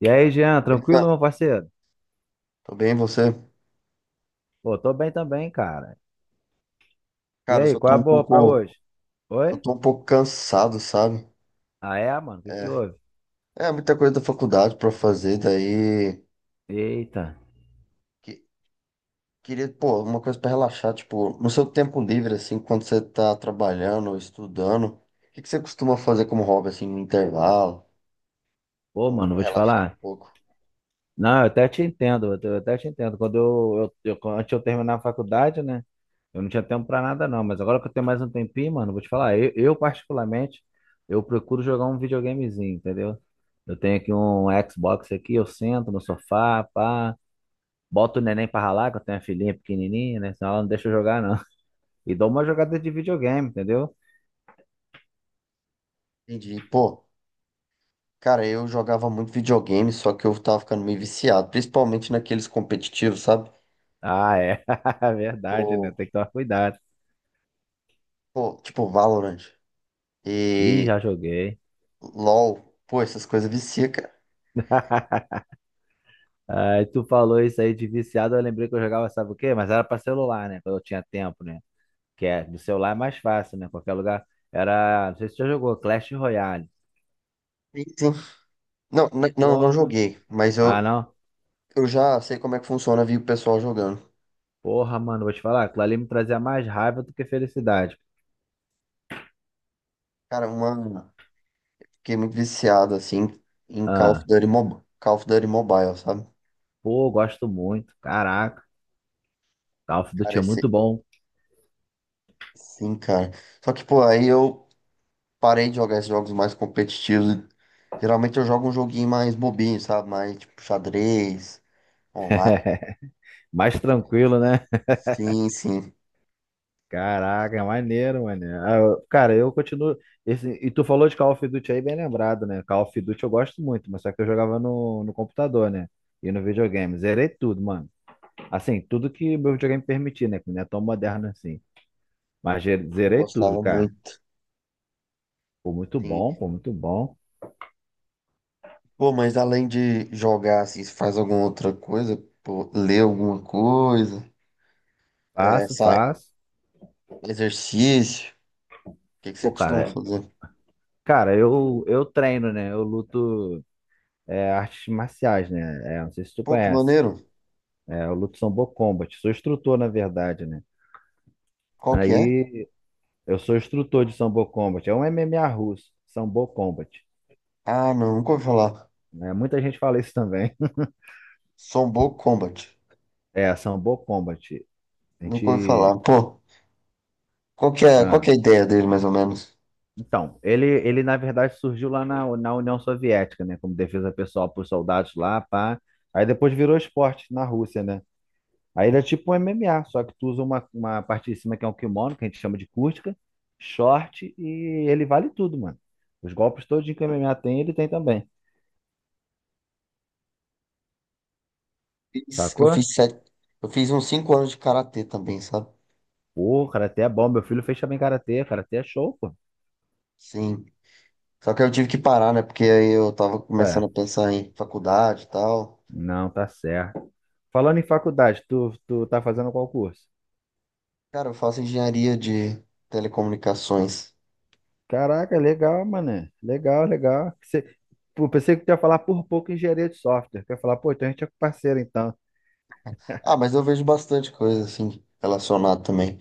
E aí, Jean, tranquilo, Beleza? meu parceiro? Tô bem, você? Pô, tô bem também, cara. E Cara, eu aí, só qual é tô a um boa pra pouco, hoje? só Oi? tô um pouco cansado, sabe? Ah, é, mano? O que que É, houve? é, muita coisa da faculdade pra fazer, daí Eita. que- queria, pô, uma coisa pra relaxar, tipo, no seu tempo livre assim, quando você tá trabalhando ou estudando, o que que você costuma fazer como hobby assim no intervalo, Pô, ou mano, pra vou te relaxar um falar. pouco? Não, eu até te entendo, eu até te entendo. Quando antes de eu terminar a faculdade, né? Eu não tinha tempo pra nada, não. Mas agora que eu tenho mais um tempinho, mano, vou te falar. Particularmente, eu procuro jogar um videogamezinho, entendeu? Eu tenho aqui um Xbox aqui, eu sento no sofá, pá. Boto o neném pra ralar, que eu tenho a filhinha pequenininha, né? Senão ela não deixa eu jogar, não. E dou uma jogada de videogame, entendeu? Entendi. Pô, cara, eu jogava muito videogame, só que eu tava ficando meio viciado, principalmente naqueles competitivos, sabe? Ah, é. Verdade, né? Tipo, Tem que tomar cuidado. tipo Valorant Ih, e já joguei. LOL, pô, essas coisas vicia, cara. Aí tu falou isso aí de viciado, eu lembrei que eu jogava, sabe o quê? Mas era pra celular, né? Quando eu tinha tempo, né? Que é, do celular é mais fácil, né? Qualquer lugar. Era, não sei se tu já jogou, Clash Royale. Sim, sim. Não, não Porra. joguei, mas Ah, eu, não. eu já sei como é que funciona, vi o pessoal jogando. Porra, mano, vou te falar. Aquilo ali me trazia mais raiva do que felicidade. Cara, uma. Fiquei muito viciado, assim, em Call of Ah, Duty, Call of Duty Mobile, sabe? pô, gosto muito. Caraca. Call of Duty Cara, é muito esse. bom. Sim, cara. Só que, pô, aí eu parei de jogar esses jogos mais competitivos. Geralmente eu jogo um joguinho mais bobinho, sabe? Mais tipo xadrez, online. Mais tranquilo, né? Sim, sim. Caraca, maneiro, mano. Cara, eu continuo. Esse... E tu falou de Call of Duty aí, bem lembrado, né? Call of Duty eu gosto muito, mas só que eu jogava no computador, né? E no videogame. Zerei tudo, mano. Assim, tudo que meu videogame permitir, né? Que não é tão moderno assim. Mas Eu zerei tudo, gostava cara. muito, Pô, muito sim. bom, pô, muito bom. Pô, mas além de jogar, assim, você faz alguma outra coisa? Pô, lê alguma coisa? Faço, Sai, faço. exercício? O que que você Pô, costuma cara, fazer? cara, eu treino, né? Eu luto artes marciais, né? É, não sei se tu Pô, que conhece. maneiro. É, eu luto Sambo Combat. Sou instrutor, na verdade, né? Qual que é? Aí. Eu sou instrutor de Sambo Combat. É um MMA russo, Sambo Combat. Ah, não, nunca ouvi falar. Né? Muita gente fala isso também. Sombo Combat. É, Sambo Combat. A Nunca ouvi falar. gente. Pô, qual que é, qual que ah, é a ideia dele, mais ou menos? Então, ele na verdade surgiu lá na União Soviética, né? Como defesa pessoal para os soldados lá, pá. Aí depois virou esporte na Rússia, né? Aí ele é tipo um MMA, só que tu usa uma parte de cima que é um kimono, que a gente chama de kurtka, short, e ele vale tudo, mano. Os golpes todos que o MMA tem, ele tem também. Fiz- Eu Sacou? fiz sete, eu fiz uns 5 anos de karatê também, sabe? Pô, karatê é bom. Meu filho fez também karatê. Karatê é show, pô. Sim. Só que eu tive que parar, né? Porque aí eu tava começando Ué, a pensar em faculdade e tal. não, tá certo. Falando em faculdade, tu tá fazendo qual curso? Cara, eu faço engenharia de telecomunicações. Caraca, legal, mané. Legal, legal. Você, pô, pensei que tu ia falar por pouco engenharia de software. Quer falar, pô, então a gente é parceiro, então. Ah, mas eu vejo bastante coisa assim relacionada também.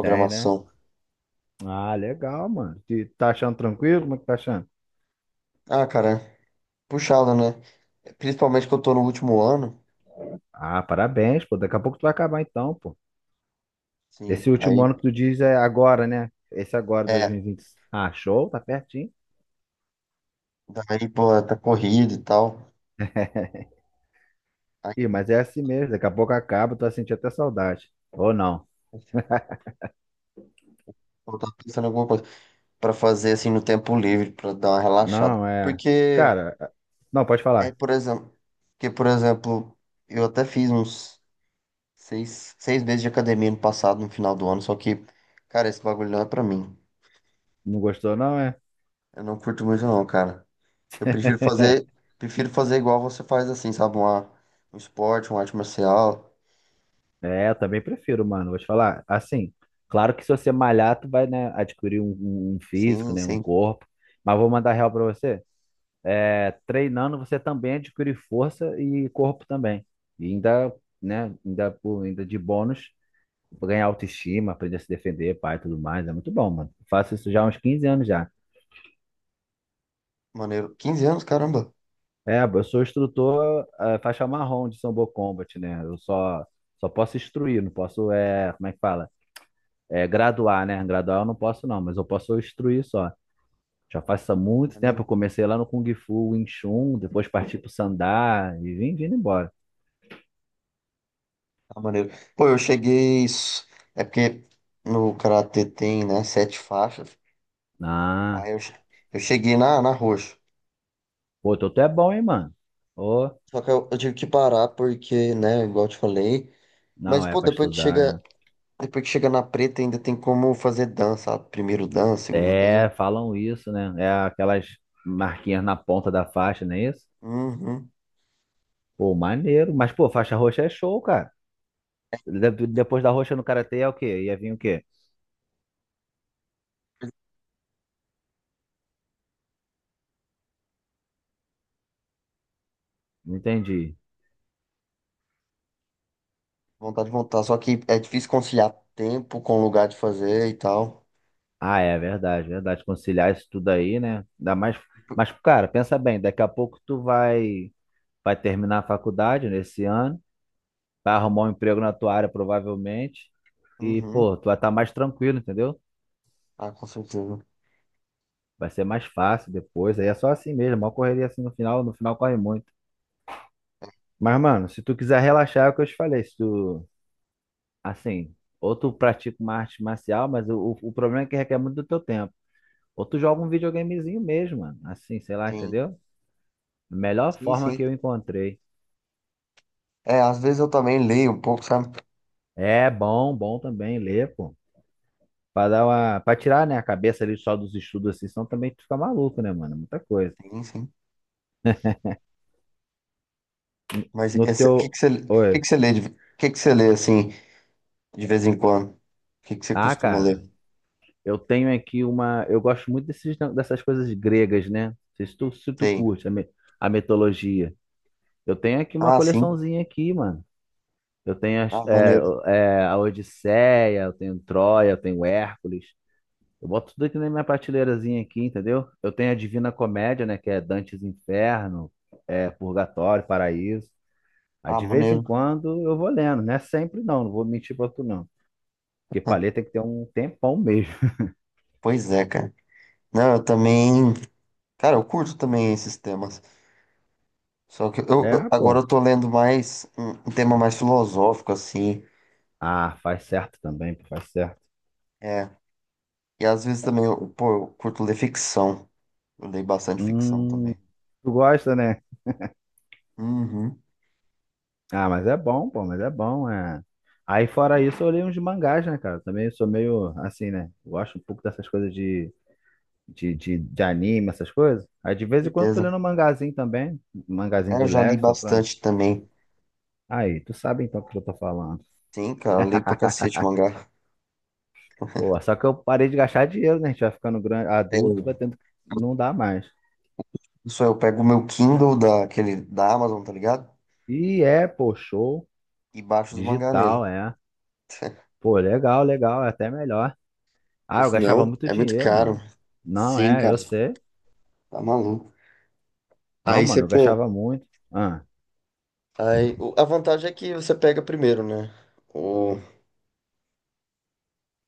Tem, né? Ah, legal, mano. Tu tá achando tranquilo? Como é que tá achando? Ah, cara, é puxado, né? Principalmente que eu tô no último ano. Ah, parabéns, pô. Daqui a pouco tu vai acabar, então, pô. Esse Sim. último Aí, ano que tu diz é agora, né? Esse agora, é, 2020. Ah, show, tá pertinho. daí, pô, tá corrido e tal. Aí, Ih, mas é assim mesmo, daqui a pouco acaba, tu vai sentir até saudade. Ou não. eu tava pensando em alguma coisa pra fazer assim no tempo livre, pra dar uma relaxada. Não, é. Cara, é- não, pode é, falar. por exemplo, porque, por exemplo, eu até fiz uns seis meses de academia no passado, no final do ano, só que, cara, esse bagulho não é pra mim. Não gostou, não, é? Eu não curto muito, não, cara. Eu prefiro fazer, prefiro fazer igual você faz assim, sabe? Um esporte, uma arte marcial. É, eu também prefiro, mano. Vou te falar. Assim, claro que se você malhar, tu vai, né, adquirir um físico, Sim, né, um sim. corpo. Mas vou mandar real pra você. É, treinando, você também adquire força e corpo também. E ainda, né, ainda, ainda de bônus, ganhar autoestima, aprender a se defender, pai e tudo mais. É muito bom, mano. Faço isso já há uns 15 anos já. Maneiro. 15 anos, caramba. É, eu sou instrutor, faixa marrom de Sambo Combat, né? Só posso instruir, não posso, é, como é que fala? É, graduar, né? Graduar eu não posso, não, mas eu posso instruir só. Já faço há muito tempo, eu Maneiro. comecei lá no Kung Fu, Wing Chun, depois parti pro Sandá e vim vindo embora. Tá maneiro. Pô, é porque no karatê tem, né, sete faixas. Ah, Aí eu, che- eu cheguei na roxa. pô, tu é bom, hein, mano? Ô, Só que eu tive que parar porque, né, igual eu te falei. Mas, não, é pô, pra depois que chega, estudar, depois que chega na preta, ainda tem como fazer dança. Sabe? Primeiro dan, segundo é. dan. É, falam isso, né? É aquelas marquinhas na ponta da faixa, não é isso? Uhum. Pô, maneiro, mas pô, faixa roxa é show, cara. Depois da roxa no karatê é o quê? Ia vir o quê? Não entendi. Vontade de voltar, só que é difícil conciliar tempo com lugar de fazer e tal. Ah, é verdade, verdade. Conciliar isso tudo aí, né? Ainda mais. Mas, cara, pensa bem, daqui a pouco vai terminar a faculdade nesse ano, vai arrumar um emprego na tua área, provavelmente. E, Uhum. pô, tu vai estar mais tranquilo, entendeu? Ah, com certeza. Vai ser mais fácil depois. Aí é só assim mesmo, uma correria assim no final, no final corre muito. Mas, mano, se tu quiser relaxar, é o que eu te falei. Se tu, assim, ou tu pratica uma arte marcial, mas o problema é que requer muito do teu tempo. Ou tu joga um videogamezinho mesmo, mano. Assim, sei lá, Sim. entendeu? Melhor Sim, forma que sim. eu encontrei. É, às vezes eu também leio um pouco, sabe? É bom, bom também ler, pô. Pra dar uma, pra tirar, né, a cabeça ali só dos estudos assim, senão também tu fica maluco, né, mano? Muita coisa. Sim, sim. No o que teu. que você, o que que Oi. você lê, o que que você lê assim, de vez em quando? O que que você Ah, costuma ler? cara, eu tenho aqui uma. Eu gosto muito dessas coisas gregas, né? Não sei se tu Sim. curte a mitologia. Eu tenho aqui uma Ah, sim. coleçãozinha aqui, mano. Eu tenho as- Ah, é, maneiro. é, a Odisseia, eu tenho Troia, eu tenho Hércules. Eu boto tudo aqui na minha prateleirazinha aqui, entendeu? Eu tenho a Divina Comédia, né? Que é Dantes Inferno, é Purgatório, Paraíso. Aí Ah, de vez em maneiro. quando eu vou lendo, não é sempre não, não vou mentir pra tu não. Porque Ah, paleta tem que ter um tempão mesmo. pois é, cara. Não, eu também. Cara, eu curto também esses temas. Só que É, ah, agora eu pô. tô lendo mais um tema mais filosófico, assim. Ah, faz certo também, pô, faz certo. É, E às vezes também, eu, pô, eu curto ler ficção. Eu leio bastante ficção Hum, também. tu gosta, né? Uhum, Ah, mas é bom, pô, mas é bom, é. Aí fora isso, eu leio uns de mangás, né, cara? Também sou meio assim, né? Gosto um pouco dessas coisas de anime, essas coisas. Aí de vez em quando tô certeza. lendo um mangazinho também, um mangazinho É, eu de já li leve, só pra. bastante também. Aí, tu sabe então o que eu tô falando. Sim, cara, eu leio pra cacete mangá. Pô, só que eu parei de gastar dinheiro, né? A gente vai ficando grande, É, adulto, vai Eu, tendo que. Não dá mais. isso aí, eu pego o meu Kindle da, aquele, da Amazon, tá ligado? E é, pô, show. E baixo os mangá Digital, nele. é. Pô, legal, legal, é até melhor. Porque Ah, eu gastava senão muito é muito dinheiro, caro. mano. Não, Sim, é, cara, eu sei. tá maluco. Não, Aí você, mano, eu pô. gastava muito. Ah, Aí, a vantagem é que você pega primeiro, né? O,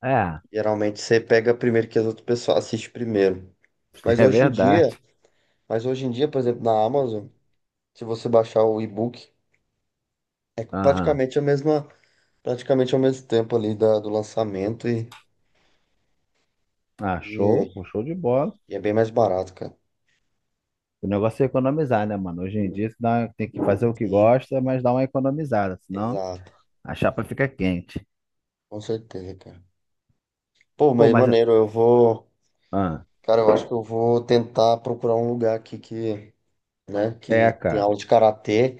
é, geralmente você pega primeiro que as outras pessoas assistem primeiro. Mas é hoje em dia. verdade. Mas hoje em dia, por exemplo, na Amazon, se você baixar o e-book, é Aham. Praticamente ao mesmo tempo ali da, do lançamento Ah, show, e, pô, show de bola. e é bem mais barato, cara. O negócio é economizar, né, mano? Hoje em dia tem que fazer o que Sim, gosta, mas dá uma economizada, senão exato. a chapa fica quente. Com certeza, cara. Pô, Pô, mas mas. maneiro, eu vou. Ah, Cara, eu acho que eu vou tentar procurar um lugar aqui que, né, é, que tem aula cara. de karatê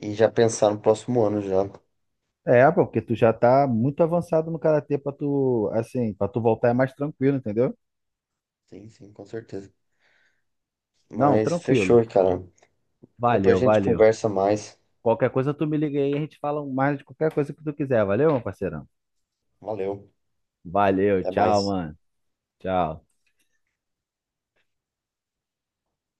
e já pensar no próximo ano já. É, pô, porque tu já tá muito avançado no karatê pra tu, assim, pra tu voltar é mais tranquilo, entendeu? Sim, sim, com certeza. Não, Mas tranquilo. fechou, cara. Depois Valeu, a gente valeu. conversa mais. Qualquer coisa tu me liga aí, a gente fala mais de qualquer coisa que tu quiser, valeu, meu parceirão? Valeu, Valeu, até tchau, mais. mano. Tchau.